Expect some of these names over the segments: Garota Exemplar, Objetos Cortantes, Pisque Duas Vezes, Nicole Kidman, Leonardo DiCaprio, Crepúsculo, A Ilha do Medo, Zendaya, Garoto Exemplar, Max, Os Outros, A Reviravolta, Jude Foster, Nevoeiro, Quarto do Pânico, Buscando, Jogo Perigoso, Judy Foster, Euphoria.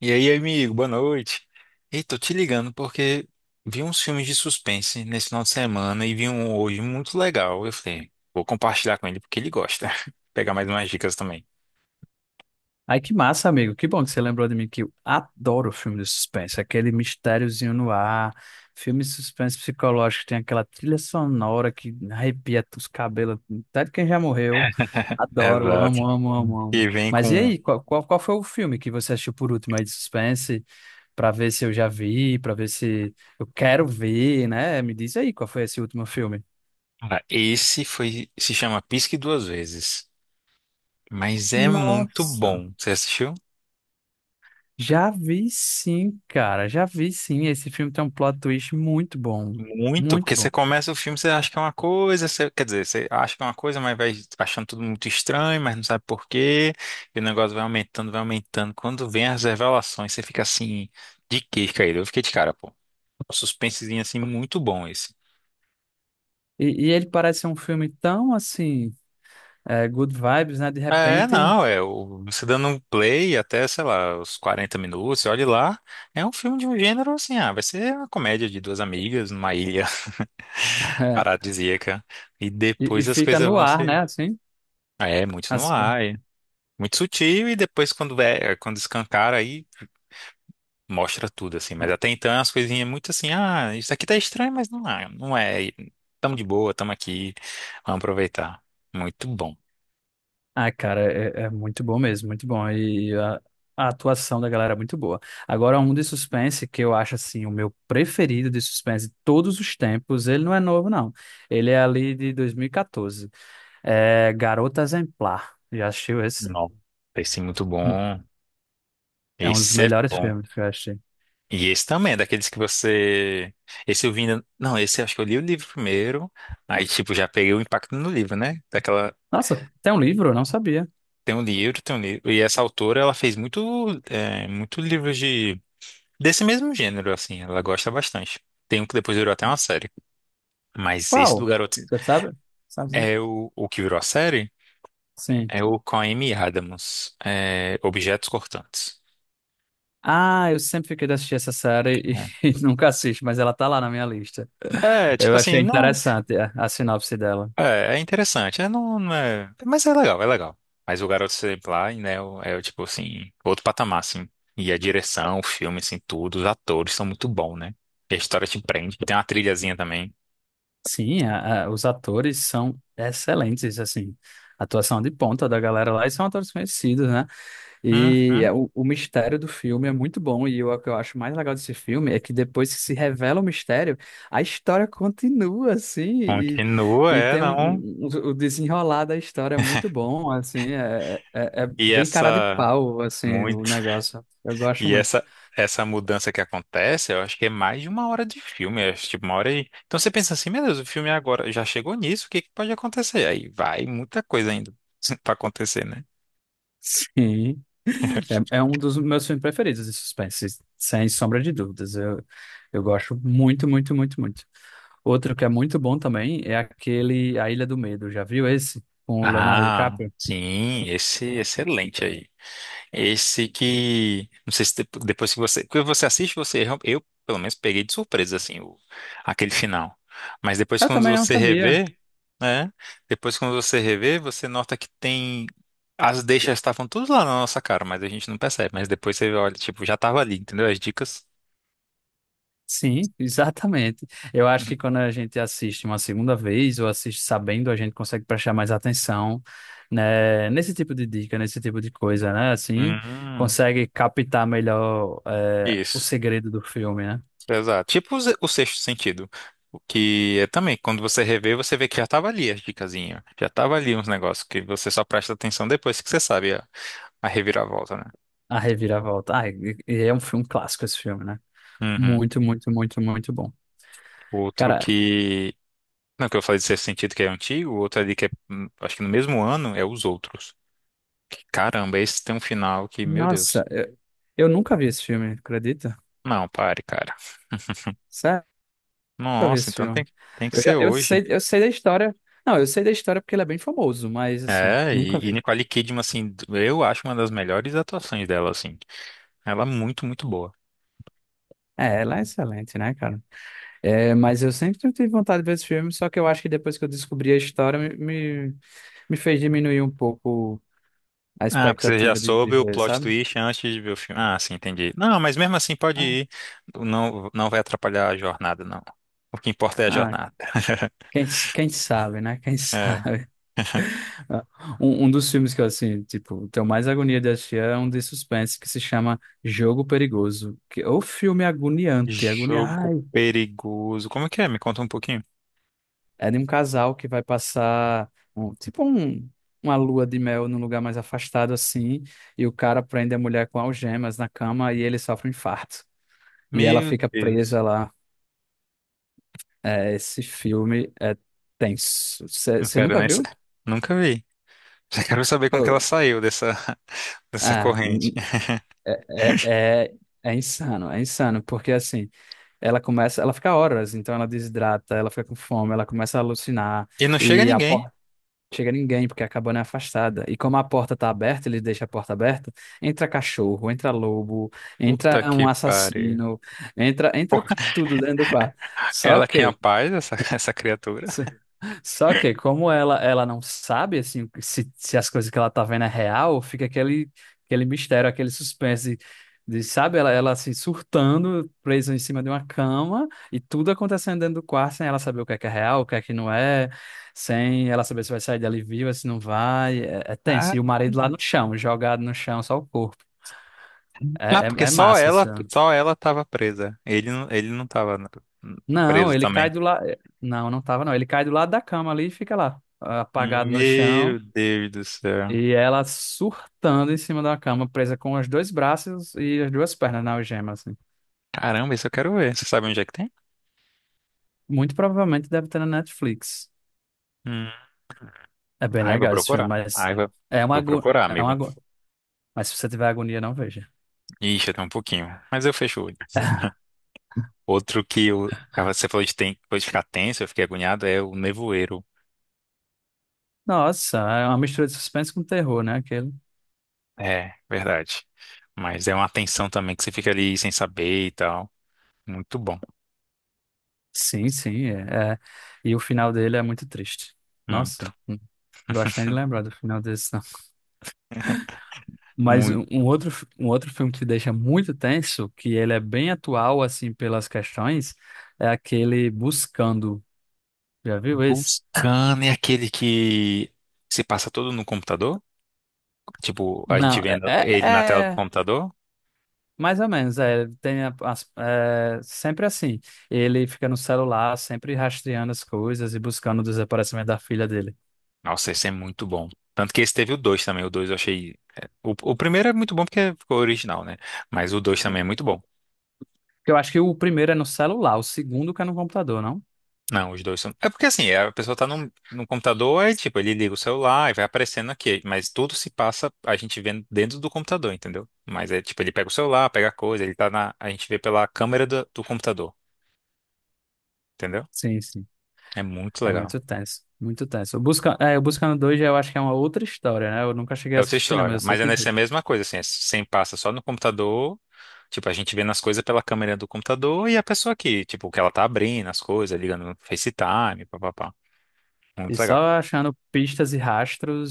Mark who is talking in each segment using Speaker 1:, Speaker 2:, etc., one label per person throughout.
Speaker 1: E aí, amigo, boa noite. Ei, tô te ligando porque vi uns filmes de suspense nesse final de semana e vi um hoje muito legal. Eu falei, vou compartilhar com ele porque ele gosta. Pegar mais umas dicas também.
Speaker 2: Ai, que massa, amigo. Que bom que você lembrou de mim, que eu adoro filme de suspense. Aquele mistériozinho no ar, filme de suspense psicológico, tem aquela trilha sonora que arrepia os cabelos, até de quem já morreu. Adoro,
Speaker 1: Exato.
Speaker 2: amo, amo, amo, amo.
Speaker 1: E vem
Speaker 2: Mas e
Speaker 1: com.
Speaker 2: aí, qual foi o filme que você assistiu por último aí de suspense, pra ver se eu já vi, pra ver se eu quero ver, né? Me diz aí qual foi esse último filme.
Speaker 1: Cara, esse foi. Se chama Pisque Duas Vezes. Mas é muito
Speaker 2: Nossa.
Speaker 1: bom. Você assistiu?
Speaker 2: Já vi sim, cara, já vi sim. Esse filme tem um plot twist muito bom,
Speaker 1: Muito, porque
Speaker 2: muito
Speaker 1: você
Speaker 2: bom.
Speaker 1: começa o filme, você acha que é uma coisa, você- quer dizer, você acha que é uma coisa, mas vai achando tudo muito estranho, mas não sabe por quê, e o negócio vai aumentando, vai aumentando. Quando vem as revelações, você fica assim, de queixo caído. Eu fiquei de cara, pô. Um suspensezinho assim, muito bom esse.
Speaker 2: E ele parece ser um filme tão assim, é, good vibes, né? De
Speaker 1: É,
Speaker 2: repente,
Speaker 1: não, é, o- você dando um play até, sei lá, os 40 minutos, você olha lá, é um filme de um gênero assim, ah, vai ser uma comédia de duas amigas numa ilha paradisíaca, e
Speaker 2: e
Speaker 1: depois as
Speaker 2: fica
Speaker 1: coisas
Speaker 2: no
Speaker 1: vão
Speaker 2: ar,
Speaker 1: ser.
Speaker 2: né? Assim,
Speaker 1: É, muito no
Speaker 2: As-
Speaker 1: ar, é. Muito sutil e depois quando é, quando escancara aí mostra tudo assim, mas até então é umas coisinhas muito assim, ah, isso aqui tá estranho, mas não é, não é. E tamo de boa, tamo aqui, vamos aproveitar. Muito bom.
Speaker 2: ah, cara, é, é muito bom mesmo, muito bom. A atuação da galera é muito boa. Agora, um de suspense que eu acho assim, o meu preferido de suspense de todos os tempos. Ele não é novo, não. Ele é ali de 2014. É Garota Exemplar. Já assistiu esse?
Speaker 1: Não, esse é muito bom.
Speaker 2: É um dos
Speaker 1: Esse é
Speaker 2: melhores
Speaker 1: bom.
Speaker 2: filmes que eu achei.
Speaker 1: E esse também, é daqueles que você. Esse eu vi. Ainda- não, esse eu acho que eu li o livro primeiro. Aí, tipo, já peguei o impacto no livro, né? Daquela.
Speaker 2: Nossa, tem um livro? Eu não sabia.
Speaker 1: Tem um livro, tem um livro. E essa autora, ela fez muito, é, muito livro de. Desse mesmo gênero, assim, ela gosta bastante. Tem um que depois virou até uma série. Mas esse do
Speaker 2: Qual?
Speaker 1: garoto
Speaker 2: Você sabe? Sabe? Né?
Speaker 1: é o que virou a série
Speaker 2: Sim.
Speaker 1: é o com a Amy Adams, é, Objetos Cortantes.
Speaker 2: Ah, eu sempre fiquei de assistir essa série
Speaker 1: Né?
Speaker 2: e nunca assisto, mas ela tá lá na minha lista.
Speaker 1: É, tipo
Speaker 2: Eu achei
Speaker 1: assim, não.
Speaker 2: interessante a sinopse dela.
Speaker 1: É, é interessante, é, não, não é. Mas é legal, é legal. Mas o Garoto Exemplar, né, é, o- é, o tipo assim, outro patamar, assim. E a direção, o filme, assim, tudo, os atores são muito bons, né? E a história te prende. Tem uma trilhazinha também.
Speaker 2: Sim, a- os atores são excelentes, assim. Atuação de ponta da galera lá e são atores conhecidos, né? E
Speaker 1: Uhum.
Speaker 2: é o mistério do filme é muito bom, e eu- o que eu acho mais legal desse filme é que depois que se revela o mistério, a história continua, assim,
Speaker 1: Continua,
Speaker 2: e
Speaker 1: é,
Speaker 2: tem um,
Speaker 1: não.
Speaker 2: um- um, o desenrolar da história é muito bom, assim, é, é, é
Speaker 1: E
Speaker 2: bem cara de
Speaker 1: essa.
Speaker 2: pau, assim, o
Speaker 1: Muito.
Speaker 2: negócio. Eu gosto
Speaker 1: E
Speaker 2: muito.
Speaker 1: essa essa mudança que acontece, eu acho que é mais de uma hora de filme, eu acho, tipo uma hora e... Então você pensa assim, meu Deus, o filme agora já chegou nisso, o que que pode acontecer? Aí vai muita coisa ainda pra acontecer, né?
Speaker 2: Sim. É, é um dos meus filmes preferidos de suspense, sem sombra de dúvidas. Eu gosto muito, muito, muito, muito. Outro que é muito bom também é aquele A Ilha do Medo. Já viu esse? Com o Leonardo
Speaker 1: Ah,
Speaker 2: DiCaprio?
Speaker 1: sim, esse excelente aí. Esse que. Não sei se depo- depois que você. Porque você assiste, você. Real- eu, pelo menos, peguei de surpresa, assim, o, aquele final. Mas depois,
Speaker 2: Eu
Speaker 1: quando
Speaker 2: também não
Speaker 1: você
Speaker 2: sabia.
Speaker 1: revê, né? Depois, quando você revê, você nota que tem. As deixas estavam tudo lá na nossa cara, mas a gente não percebe. Mas depois você olha, tipo, já tava ali, entendeu? As dicas.
Speaker 2: Sim, exatamente. Eu acho que quando a gente assiste uma segunda vez ou assiste sabendo, a gente consegue prestar mais atenção, né, nesse tipo de dica, nesse tipo de coisa, né? Assim,
Speaker 1: Hum,
Speaker 2: consegue captar melhor, o
Speaker 1: isso.
Speaker 2: segredo do filme, né?
Speaker 1: Exato. Tipo o ze- o sexto sentido. O que é também, quando você revê, você vê que já tava ali as dicasinhas. Já tava ali uns negócios que você só presta atenção depois que você sabe a reviravolta, né?
Speaker 2: A Reviravolta. Ah, e é um filme clássico esse filme, né?
Speaker 1: Uhum.
Speaker 2: Muito, muito, muito, muito bom.
Speaker 1: Outro
Speaker 2: Cara,
Speaker 1: que. Não, que eu falei de sexto sentido que é antigo, o outro ali que é, acho que no mesmo ano, é Os Outros. Que, caramba, esse tem um final que, meu Deus.
Speaker 2: nossa, eu nunca vi esse filme, acredita?
Speaker 1: Não, pare, cara.
Speaker 2: Sério, eu nunca vi
Speaker 1: Nossa,
Speaker 2: esse
Speaker 1: então tem,
Speaker 2: filme.
Speaker 1: tem que
Speaker 2: Eu já,
Speaker 1: ser hoje.
Speaker 2: eu sei da história. Não, eu sei da história porque ele é bem famoso, mas assim,
Speaker 1: É,
Speaker 2: nunca
Speaker 1: e
Speaker 2: vi.
Speaker 1: Nicole Kidman, assim, eu acho uma das melhores atuações dela, assim. Ela é muito, muito boa.
Speaker 2: É, ela é excelente, né, cara? É, mas eu sempre tive vontade de ver esse filme, só que eu acho que depois que eu descobri a história, me, me fez diminuir um pouco a
Speaker 1: Ah, porque você já
Speaker 2: expectativa de
Speaker 1: soube o
Speaker 2: ver,
Speaker 1: plot
Speaker 2: sabe?
Speaker 1: twist antes de ver o filme. Ah, sim, entendi. Não, mas mesmo assim pode
Speaker 2: Ah,
Speaker 1: ir. Não, não vai atrapalhar a jornada, não. O que importa é a
Speaker 2: ah,
Speaker 1: jornada.
Speaker 2: quem, quem sabe, né? Quem
Speaker 1: É.
Speaker 2: sabe? Ah, um dos filmes que eu, assim, tipo, tenho mais agonia de assistir é um de suspense que se chama Jogo Perigoso, que é o filme agoniante, agonia,
Speaker 1: Jogo
Speaker 2: ai,
Speaker 1: perigoso. Como é que é? Me conta um pouquinho.
Speaker 2: é de um casal que vai passar, um- tipo, um, uma lua de mel num lugar mais afastado, assim, e o cara prende a mulher com algemas na cama e ele sofre um infarto, e ela
Speaker 1: Meu
Speaker 2: fica
Speaker 1: Deus.
Speaker 2: presa lá. É, esse filme é tenso.
Speaker 1: Não
Speaker 2: Você
Speaker 1: quero
Speaker 2: nunca
Speaker 1: nem sa-.
Speaker 2: viu?
Speaker 1: Nunca vi. Já quero saber como que
Speaker 2: Pô,
Speaker 1: ela saiu dessa, dessa
Speaker 2: ah,
Speaker 1: corrente.
Speaker 2: n- é, é, é insano, é insano, porque assim, ela começa, ela fica horas, então ela desidrata, ela fica com fome, ela começa a alucinar
Speaker 1: E não chega
Speaker 2: e a
Speaker 1: ninguém.
Speaker 2: porta não chega ninguém porque a cabana é afastada. E como a porta tá aberta, ele deixa a porta aberta, entra cachorro, entra lobo,
Speaker 1: Puta
Speaker 2: entra um
Speaker 1: que pariu.
Speaker 2: assassino, entra tudo dentro do quarto. Só
Speaker 1: Ela tinha
Speaker 2: que
Speaker 1: paz, essa criatura.
Speaker 2: só que como ela não sabe assim se, se as coisas que ela tá vendo é real, fica aquele mistério, aquele suspense de, sabe, ela se surtando, presa em cima de uma cama e tudo acontecendo dentro do quarto sem ela saber o que é real, o que é que não é, sem ela saber se vai sair dali viva, se não vai, é, é tenso.
Speaker 1: Ah,
Speaker 2: E o marido lá no chão, jogado no chão, só o corpo.
Speaker 1: ah,
Speaker 2: É, é,
Speaker 1: porque
Speaker 2: é massa esse filme.
Speaker 1: só ela tava presa. Ele não tava n-
Speaker 2: Não,
Speaker 1: preso
Speaker 2: ele
Speaker 1: também.
Speaker 2: cai do lado. Não, não tava, não. Ele cai do lado da cama ali e fica lá, apagado no chão.
Speaker 1: Meu Deus do céu.
Speaker 2: E ela surtando em cima da cama, presa com os dois braços e as duas pernas na algema, assim.
Speaker 1: Caramba, isso eu quero ver. Você sabe onde é que tem?
Speaker 2: Muito provavelmente deve ter na Netflix.
Speaker 1: Hum.
Speaker 2: É bem
Speaker 1: Ai, vou
Speaker 2: legal esse filme,
Speaker 1: procurar.
Speaker 2: mas
Speaker 1: Ai, vou,
Speaker 2: é uma
Speaker 1: vou
Speaker 2: agonia.
Speaker 1: procurar,
Speaker 2: É
Speaker 1: amigo.
Speaker 2: uma ago- Mas se você tiver agonia, não veja.
Speaker 1: Ixi, até um pouquinho. Mas eu fecho o olho. Outro que eu, ah, você falou de, ten, foi de ficar tenso, eu fiquei agoniado, é o Nevoeiro.
Speaker 2: Nossa, é uma mistura de suspense com terror, né? Aquele.
Speaker 1: É, verdade. Mas é uma tensão também que você fica ali sem saber e tal. Muito bom.
Speaker 2: Sim, sim. É, é. E o final dele é muito triste.
Speaker 1: Muito,
Speaker 2: Nossa, não gosto nem de lembrar do final desse, né? Mas
Speaker 1: muito.
Speaker 2: um outro, fi- um outro filme que deixa muito tenso, que ele é bem atual, assim, pelas questões, é aquele Buscando. Já viu esse?
Speaker 1: Buscando é aquele que se passa todo no computador? Tipo, a gente
Speaker 2: Não,
Speaker 1: vendo
Speaker 2: é, é
Speaker 1: ele na tela do
Speaker 2: é
Speaker 1: computador?
Speaker 2: mais ou menos, é, ele tem a- as- é, sempre assim. Ele fica no celular, sempre rastreando as coisas e buscando o desaparecimento da filha dele.
Speaker 1: Nossa, esse é muito bom. Tanto que esse teve o 2 também. O 2 eu achei. É, o primeiro é muito bom porque ficou original, né? Mas o 2 também é muito bom.
Speaker 2: Que eu acho que o primeiro é no celular, o segundo que é no computador, não?
Speaker 1: Não, os dois são. É porque assim, a pessoa tá num, num computador, aí tipo, ele liga o celular e vai aparecendo aqui. Mas tudo se passa a gente vendo dentro do computador, entendeu? Mas é tipo, ele pega o celular, pega a coisa, ele tá na. A gente vê pela câmera do, do computador, entendeu?
Speaker 2: Sim, sim.
Speaker 1: É muito
Speaker 2: É
Speaker 1: legal.
Speaker 2: muito tenso, muito tenso. O Busca, é, o Buscando dois eu acho que é uma outra história, né? Eu nunca cheguei
Speaker 1: É
Speaker 2: a
Speaker 1: outra
Speaker 2: assistir, não, mas
Speaker 1: história.
Speaker 2: eu sei
Speaker 1: Mas é
Speaker 2: que
Speaker 1: nessa
Speaker 2: existe.
Speaker 1: mesma coisa, assim, é sem passa só no computador. Tipo, a gente vê nas coisas pela câmera do computador e a pessoa aqui, tipo, que ela tá abrindo as coisas, ligando no FaceTime, papapá. Muito
Speaker 2: E
Speaker 1: legal.
Speaker 2: só achando pistas e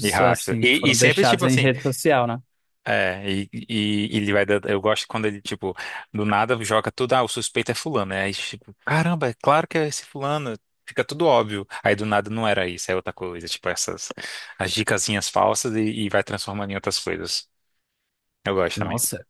Speaker 1: E rastro.
Speaker 2: assim, que
Speaker 1: E
Speaker 2: foram
Speaker 1: sempre,
Speaker 2: deixados
Speaker 1: tipo
Speaker 2: em
Speaker 1: assim,
Speaker 2: rede social, né?
Speaker 1: é, e ele vai dando, eu gosto quando ele, tipo, do nada joga tudo, ah, o suspeito é fulano, né? Aí, tipo, caramba, é claro que é esse fulano, fica tudo óbvio. Aí do nada não era isso, é outra coisa, tipo, essas, as dicasinhas falsas e vai transformando em outras coisas. Eu gosto também.
Speaker 2: Nossa,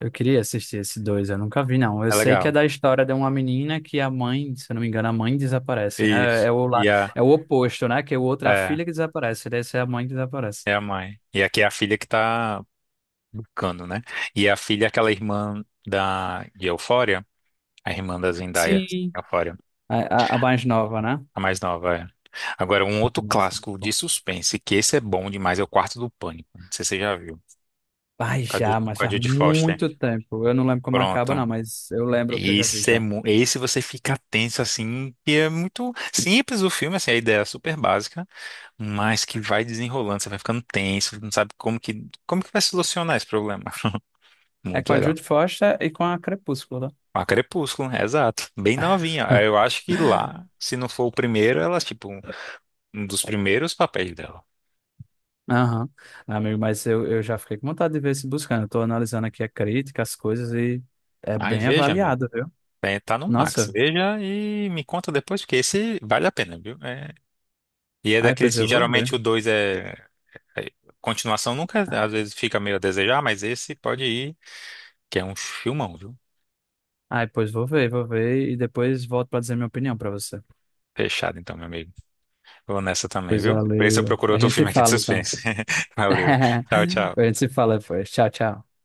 Speaker 2: eu queria assistir esse dois, eu nunca vi, não. Eu
Speaker 1: É
Speaker 2: sei que é
Speaker 1: legal.
Speaker 2: da história de uma menina que a mãe, se eu não me engano, a mãe desaparece, né?
Speaker 1: Isso.
Speaker 2: É o,
Speaker 1: E
Speaker 2: lá,
Speaker 1: a,
Speaker 2: é o oposto, né? Que o outro é a
Speaker 1: é,
Speaker 2: filha que desaparece, desse é a mãe que desaparece.
Speaker 1: é a mãe. E aqui é a filha que tá buscando, né? E a filha é aquela irmã da, de Euphoria, a irmã da Zendaya,
Speaker 2: Sim.
Speaker 1: Euphoria,
Speaker 2: A, a mais nova, né?
Speaker 1: a mais nova, é. Agora, um outro
Speaker 2: Nossa, muito
Speaker 1: clássico de
Speaker 2: bom.
Speaker 1: suspense, que esse é bom demais, é o Quarto do Pânico. Não sei se você já viu.
Speaker 2: Ai,
Speaker 1: Com a Ju-
Speaker 2: já, mas
Speaker 1: com a
Speaker 2: faz
Speaker 1: Judy Foster.
Speaker 2: muito tempo. Eu não lembro como acaba,
Speaker 1: Pronto.
Speaker 2: não, mas eu lembro que eu já vi
Speaker 1: Esse, é,
Speaker 2: já.
Speaker 1: mu- esse você fica tenso, assim, e é muito simples o filme, assim, a ideia é super básica, mas que vai desenrolando, você vai ficando tenso, não sabe como que vai solucionar esse problema.
Speaker 2: É
Speaker 1: Muito
Speaker 2: com a
Speaker 1: legal.
Speaker 2: Jude Foster e com a Crepúsculo,
Speaker 1: A Crepúsculo, é exato. Bem novinha. Eu acho que
Speaker 2: né?
Speaker 1: lá, se não for o primeiro, ela, tipo, um dos primeiros papéis dela.
Speaker 2: Aham. Amigo, mas eu já fiquei com vontade de ver esse buscando. Estou analisando aqui a crítica, as coisas e é
Speaker 1: Ai,
Speaker 2: bem
Speaker 1: veja, amigo.
Speaker 2: avaliado, viu?
Speaker 1: É, tá no Max.
Speaker 2: Nossa,
Speaker 1: Veja e me conta depois, porque esse vale a pena, viu? É. E é
Speaker 2: aí
Speaker 1: daqueles
Speaker 2: pois
Speaker 1: que
Speaker 2: eu vou ver.
Speaker 1: geralmente o dois é, é-. Continuação nunca, às vezes, fica meio a desejar, mas esse pode ir, que é um filmão, viu?
Speaker 2: Aí pois vou ver e depois volto para dizer minha opinião para você.
Speaker 1: Fechado, então, meu amigo. Vou nessa também,
Speaker 2: Pois
Speaker 1: viu? Por isso eu
Speaker 2: valeu.
Speaker 1: procuro
Speaker 2: A
Speaker 1: outro
Speaker 2: gente se
Speaker 1: filme aqui de
Speaker 2: fala então.
Speaker 1: suspense. Valeu. Tchau, tchau.
Speaker 2: A gente se fala depois. Tchau, tchau.